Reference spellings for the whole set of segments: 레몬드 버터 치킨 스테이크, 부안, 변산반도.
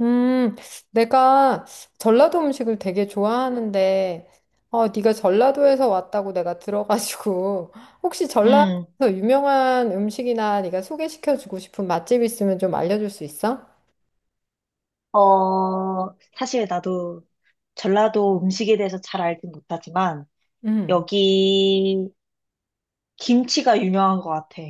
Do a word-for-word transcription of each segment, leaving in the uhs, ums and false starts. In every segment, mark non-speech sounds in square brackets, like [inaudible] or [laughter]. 음, 내가 전라도 음식을 되게 좋아하는데, 어, 네가 전라도에서 왔다고 내가 들어가지고, [laughs] 혹시 전라도에서 음, 유명한 음식이나 네가 소개시켜주고 싶은 맛집 있으면 좀 알려줄 수 있어? 어, 사실 나도 전라도 음식에 대해서 잘 알진 못하지만, 음. 여기 김치가 유명한 것 같아.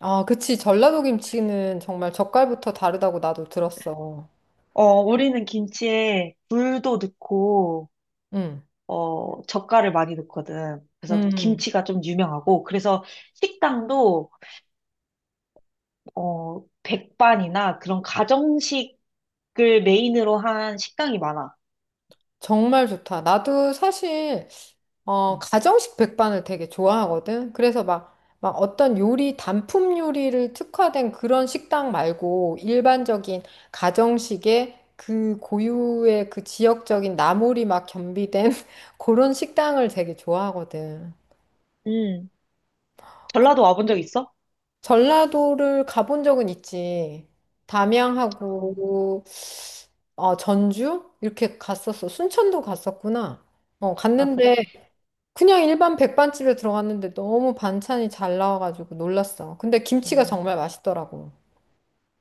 아, 그치. 전라도 김치는 정말 젓갈부터 다르다고 나도 들었어. 어, 우리는 김치에 굴도 넣고, 음. 어, 젓갈을 많이 넣거든. 그래서 음. 김치가 좀 유명하고, 그래서 식당도, 어, 백반이나 그런 가정식을 메인으로 한 식당이 많아. 정말 좋다. 나도 사실 어, 음. 가정식 백반을 되게 좋아하거든. 그래서 막, 막 어떤 요리, 단품 요리를 특화된 그런 식당 말고 일반적인 가정식의 그 고유의 그 지역적인 나물이 막 겸비된 [laughs] 그런 식당을 되게 좋아하거든. 음. 전라도 와본 적 있어? 전라도를 가본 적은 있지. 어, 담양하고 어, 전주? 이렇게 갔었어. 순천도 갔었구나. 어, 아, 그래? 갔는데 그냥 일반 백반집에 들어갔는데 너무 반찬이 잘 나와가지고 놀랐어. 근데 김치가 음. 정말 맛있더라고.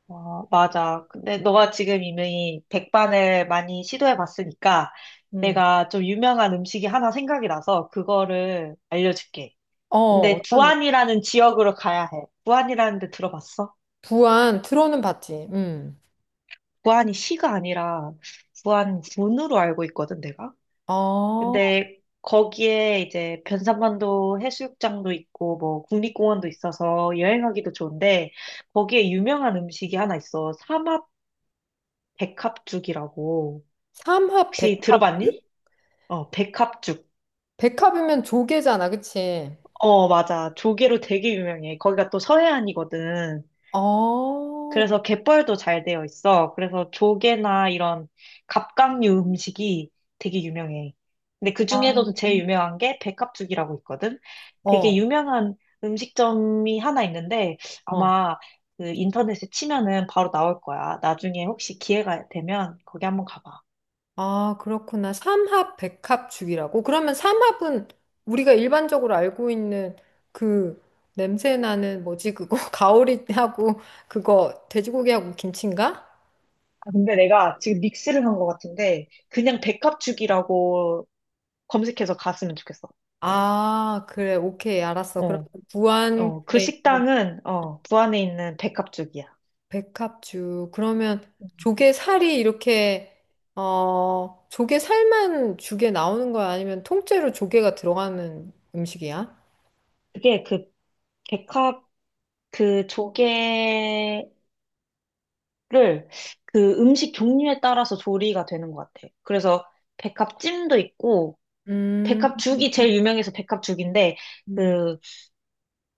어, 맞아. 근데 너가 지금 이미 백반을 많이 시도해 봤으니까 음. 내가 좀 유명한 음식이 하나 생각이 나서 그거를 알려줄게. 어, 근데 어떤 부안이라는 지역으로 가야 해. 부안이라는 데 들어봤어? 부안 들어는 봤지. 음. 부안이 시가 아니라 부안 군으로 알고 있거든, 내가. 어, 근데 거기에 이제 변산반도 해수욕장도 있고 뭐 국립공원도 있어서 여행하기도 좋은데 거기에 유명한 음식이 하나 있어. 삼합 백합죽이라고. 삼합 혹시 백합. 들어봤니? 어, 백합죽. 백합이면 조개잖아, 그치? 어, 맞아. 조개로 되게 유명해. 거기가 또 서해안이거든. 어. 그래서 갯벌도 잘 되어 있어. 그래서 조개나 이런 갑각류 음식이 되게 유명해. 근데 그 아. 중에서도 제일 유명한 게 백합죽이라고 있거든. 되게 어. 유명한 음식점이 하나 있는데 어. 아마 그 인터넷에 치면은 바로 나올 거야. 나중에 혹시 기회가 되면 거기 한번 가봐. 아, 그렇구나. 삼합 백합죽이라고. 그러면 삼합은 우리가 일반적으로 알고 있는 그 냄새 나는 뭐지 그거 [laughs] 가오리하고 그거 돼지고기하고 김치인가? 아, 근데 내가 지금 믹스를 한 것 같은데, 그냥 백합죽이라고 검색해서 갔으면 좋겠어. 아, 그래. 오케이. 알았어. 그럼 어. 부안 어, 그 에 있는 식당은, 어, 부안에 있는 백합죽이야. 백합주. 그러면 조개살이 이렇게, 어, 조개살만 죽에 나오는 거야? 아니면 통째로 조개가 들어가는 음식이야? 그게 그 백합, 그 조개를 그 음식 종류에 따라서 조리가 되는 것 같아. 그래서 백합찜도 있고, 음. 백합죽이 제일 유명해서 백합죽인데, 음. 그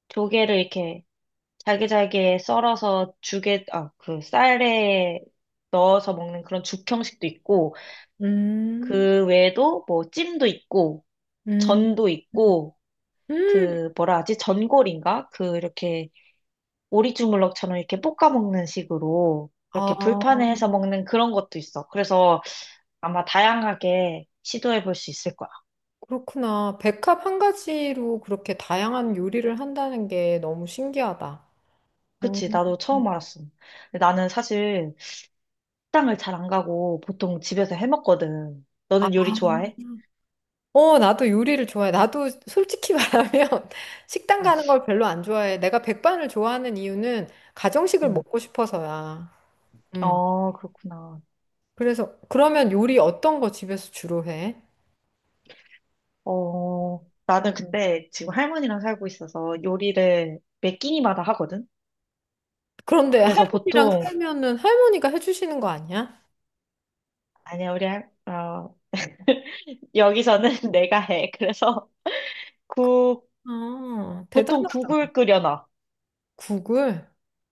조개를 이렇게 잘게잘게 썰어서 죽에, 아, 그 쌀에 넣어서 먹는 그런 죽 형식도 있고, 음. 그 외에도 뭐 찜도 있고, 음. 전도 있고, 음. 그 뭐라 하지? 전골인가? 그 이렇게 오리 주물럭처럼 이렇게 볶아 먹는 식으로 이렇게 아, 불판에 해서 먹는 그런 것도 있어. 그래서 아마 다양하게 시도해 볼 수 있을 거야. 그렇구나. 백합 한 가지로 그렇게 다양한 요리를 한다는 게 너무 신기하다. 음. 그치? 나도 처음 알았어. 근데 나는 사실 식당을 잘 안 가고 보통 집에서 해 먹거든. 너는 요리 좋아해? 어, 나도 요리를 좋아해. 나도 솔직히 [laughs] 말하면 식당 어, 가는 걸 별로 안 좋아해. 내가 백반을 좋아하는 이유는 가정식을 응. 먹고 싶어서야. 음. 어, 그렇구나. 그래서 그러면 요리 어떤 거 집에서 주로 해? 어, 나는 근데 지금 할머니랑 살고 있어서 요리를 매 끼니마다 하거든? 그런데 그래서 할머니랑 보통, 살면은 할머니가 해주시는 거 아니야? 아니야, 우리 할, 어, 여기서는 [laughs] 내가 해. 그래서 국, 아, 보통 대단하다. 국을 끓여놔. 국을.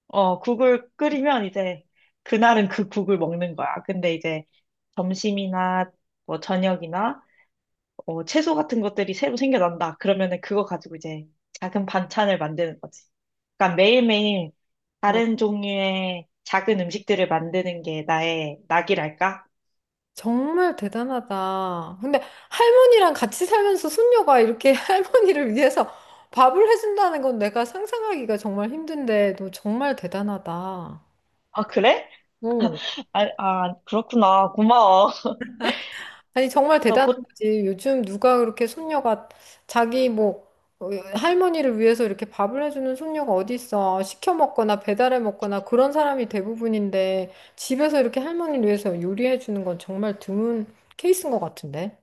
어, 국을 끓이면 이제 그날은 그 국을 먹는 거야. 근데 이제 점심이나 뭐 저녁이나 어, 채소 같은 것들이 새로 생겨난다. 그러면은 그거 가지고 이제 작은 반찬을 만드는 거지. 그러니까 매일매일 어, 다른 종류의 작은 음식들을 만드는 게 나의 낙이랄까? 정말 대단하다. 근데 할머니랑 같이 살면서 손녀가 이렇게 [laughs] 할머니를 위해서 밥을 해준다는 건 내가 상상하기가 정말 힘든데 너 정말 대단하다. 아, 그래? 오. 아, 아, 그렇구나. 고마워. 아니 정말 [laughs] 어, 대단한 보, 거지. 요즘 누가 그렇게 손녀가 자기 뭐 어, 할머니를 위해서 이렇게 밥을 해주는 손녀가 어디 있어? 시켜 먹거나 배달해 먹거나 그런 사람이 대부분인데 집에서 이렇게 할머니를 위해서 요리해 주는 건 정말 드문 케이스인 것 같은데.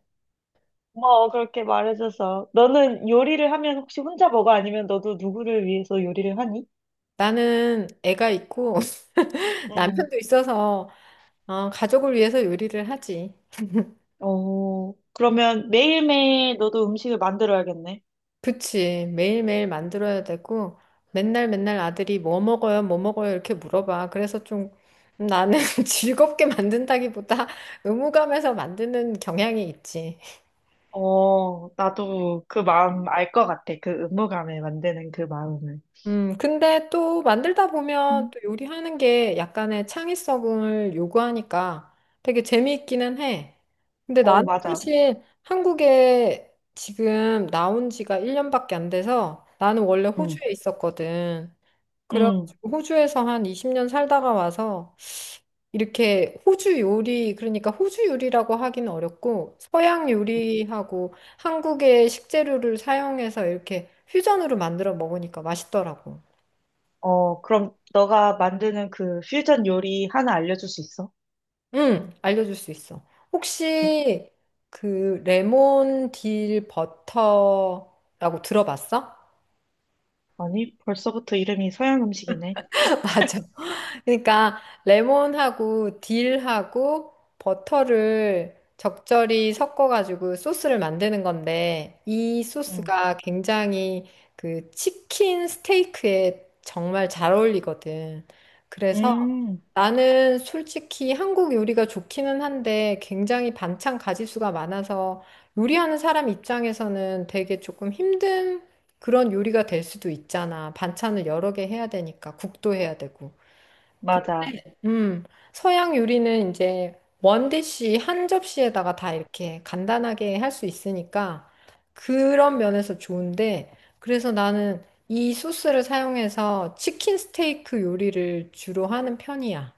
고마워, 그렇게 말해줘서. 너는 요리를 하면 혹시 혼자 먹어? 아니면 너도 누구를 위해서 요리를 하니? 나는 애가 있고 [laughs] 응. 남편도 있어서 어, 가족을 위해서 요리를 하지. 어, 그러면 매일매일 너도 음식을 만들어야겠네. 그치. 매일매일 만들어야 되고, 맨날 맨날 아들이 뭐 먹어요, 뭐 먹어요, 이렇게 물어봐. 그래서 좀 나는 [laughs] 즐겁게 만든다기보다 의무감에서 만드는 경향이 있지. 어, 나도 그 마음 알 것 같아. 그 의무감에 만드는 그 마음을. 음, 근데 또 만들다 보면 응. 또 요리하는 게 약간의 창의성을 요구하니까 되게 재미있기는 해. 근데 어, 나는 맞아. 사실 한국에 지금 나온 지가 일 년밖에 안 돼서 나는 원래 응. 호주에 있었거든. 응. 그래가지고 호주에서 한 이십 년 살다가 와서 이렇게 호주 요리, 그러니까 호주 요리라고 하긴 어렵고 서양 요리하고 한국의 식재료를 사용해서 이렇게 퓨전으로 만들어 먹으니까 맛있더라고. 어, 그럼 너가 만드는 그 퓨전 요리 하나 알려줄 수 있어? 응, 알려줄 수 있어. 혹시 그 레몬 딜 버터라고 들어봤어? 아니, 벌써부터 이름이 서양 음식이네. [laughs] 맞아. 그러니까 레몬하고 딜하고 버터를 적절히 섞어가지고 소스를 만드는 건데 이 응. 소스가 굉장히 그 치킨 스테이크에 정말 잘 어울리거든. 그래서 음, 나는 솔직히 한국 요리가 좋기는 한데 굉장히 반찬 가짓수가 많아서 요리하는 사람 입장에서는 되게 조금 힘든 그런 요리가 될 수도 있잖아. 반찬을 여러 개 해야 되니까 국도 해야 되고. 맞아. 음, 서양 요리는 이제 원디시 한 접시에다가 다 이렇게 간단하게 할 수 있으니까 그런 면에서 좋은데 그래서 나는 이 소스를 사용해서 치킨 스테이크 요리를 주로 하는 편이야.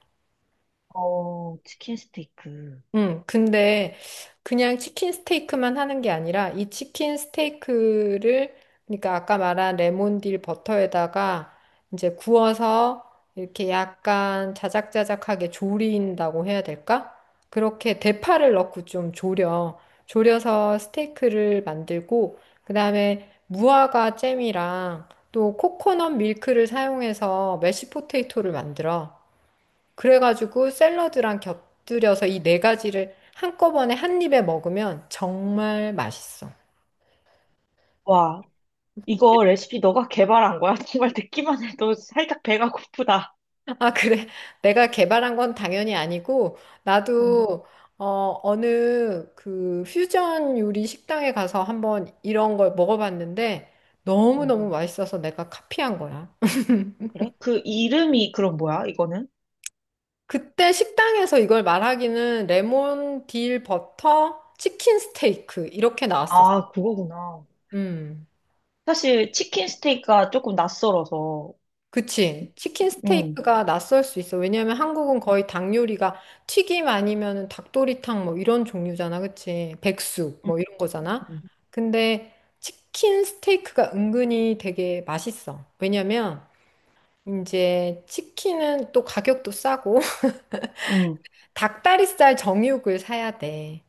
어, 치킨 스테이크. 음, 근데 그냥 치킨 스테이크만 하는 게 아니라 이 치킨 스테이크를 그러니까 아까 말한 레몬딜 버터에다가 이제 구워서 이렇게 약간 자작자작하게 조린다고 해야 될까? 그렇게 대파를 넣고 좀 조려. 조려서 스테이크를 만들고 그다음에 무화과 잼이랑 또 코코넛 밀크를 사용해서 메쉬 포테이토를 만들어. 그래가지고 샐러드랑 곁들여서 이 네 가지를 한꺼번에 한 입에 먹으면 정말 맛있어. 와, 이거 레시피 너가 개발한 거야? [laughs] 정말 듣기만 해도 살짝 배가 고프다. 아, 그래. 내가 개발한 건 당연히 아니고, 응, 나도, 어, 어느 그 퓨전 요리 식당에 가서 한번 이런 걸 먹어봤는데, 응. 너무너무 맛있어서 내가 카피한 거야. 그래? 그 이름이 그럼 뭐야, 이거는? 그때 식당에서 이걸 말하기는 레몬 딜 버터 치킨 스테이크 이렇게 나왔었어. 아, 그거구나. 음. 사실 치킨 스테이크가 조금 낯설어서. 그치. 치킨 응, 스테이크가 낯설 수 있어. 왜냐면 한국은 거의 닭 요리가 튀김 아니면은 닭도리탕 뭐 이런 종류잖아. 그치. 백숙 응, 뭐 이런 거잖아. 응. 근데 치킨 스테이크가 은근히 되게 맛있어. 왜냐면 이제 치킨은 또 가격도 싸고 [laughs] 응. 닭다리살 정육을 사야 돼.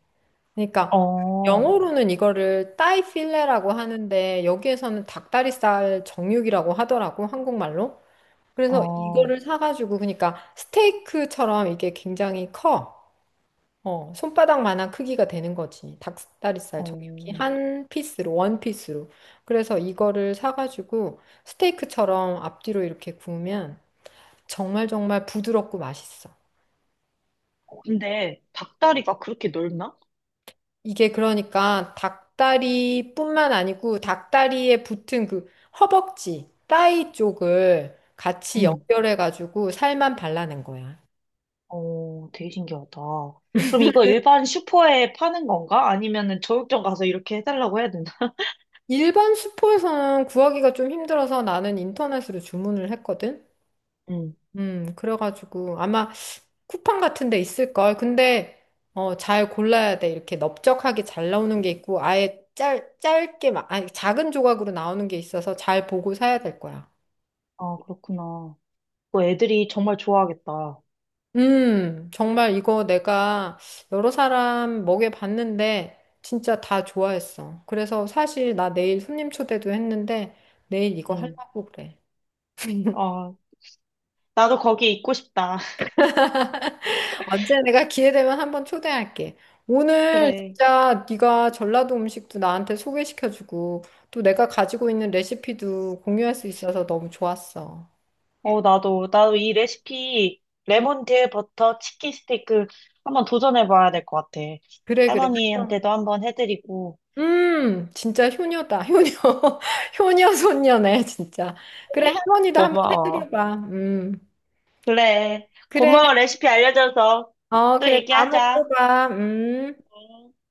그러니까 어, 영어로는 이거를 따이 필레라고 하는데 여기에서는 닭다리살 정육이라고 하더라고. 한국말로. 그래서 어, 이거를 사가지고 그러니까 스테이크처럼 이게 굉장히 커. 어, 손바닥만한 크기가 되는 거지. 닭다리살 어. 정육이 한 피스로, 원 피스로. 그래서 이거를 사가지고 스테이크처럼 앞뒤로 이렇게 구우면 정말 정말 부드럽고 맛있어. 근데 닭다리가 그렇게 넓나? 이게 그러니까 닭다리뿐만 아니고 닭다리에 붙은 그 허벅지, 따위 쪽을 같이 응. 연결해가지고 살만 발라낸 거야. 어, 되게 신기하다. 그럼 이거 일반 슈퍼에 파는 건가? 아니면은 저육점 가서 이렇게 해달라고 해야 되나? 일반 슈퍼에서는 구하기가 좀 힘들어서 나는 인터넷으로 주문을 했거든. 응. 음, 그래가지고 아마 쿠팡 같은 데 있을걸. 근데 어, 잘 골라야 돼. 이렇게 넓적하게 잘 나오는 게 있고 아예 짧, 짧게 막 아니 작은 조각으로 나오는 게 있어서 잘 보고 사야 될 거야. 아, 그렇구나. 뭐 애들이 정말 좋아하겠다. 음, 정말 이거 내가 여러 사람 먹여봤는데 진짜 다 좋아했어. 그래서 사실 나 내일 손님 초대도 했는데 내일 이거 응. 하려고 그래. 어, 나도 거기 있고 싶다. [laughs] 언제 내가 기회 되면 한번 초대할게. 오늘 그래. 진짜 네가 전라도 음식도 나한테 소개시켜주고 또 내가 가지고 있는 레시피도 공유할 수 있어서 너무 좋았어. 어, 나도, 나도 이 레시피, 레몬드 버터 치킨 스테이크 한번 도전해봐야 될 것 같아. 그래 그래. 할머니한테도 한번 해드리고. 음, 진짜 효녀다. 효녀. [laughs] 효녀 손녀네, 진짜. 그래, 할머니도 한번 고마워. 해드려봐. 음. 그래. 그래. 고마워, 레시피 알려줘서. 어, 또 그래. 다음에 얘기하자. 또 봐. 음. 응.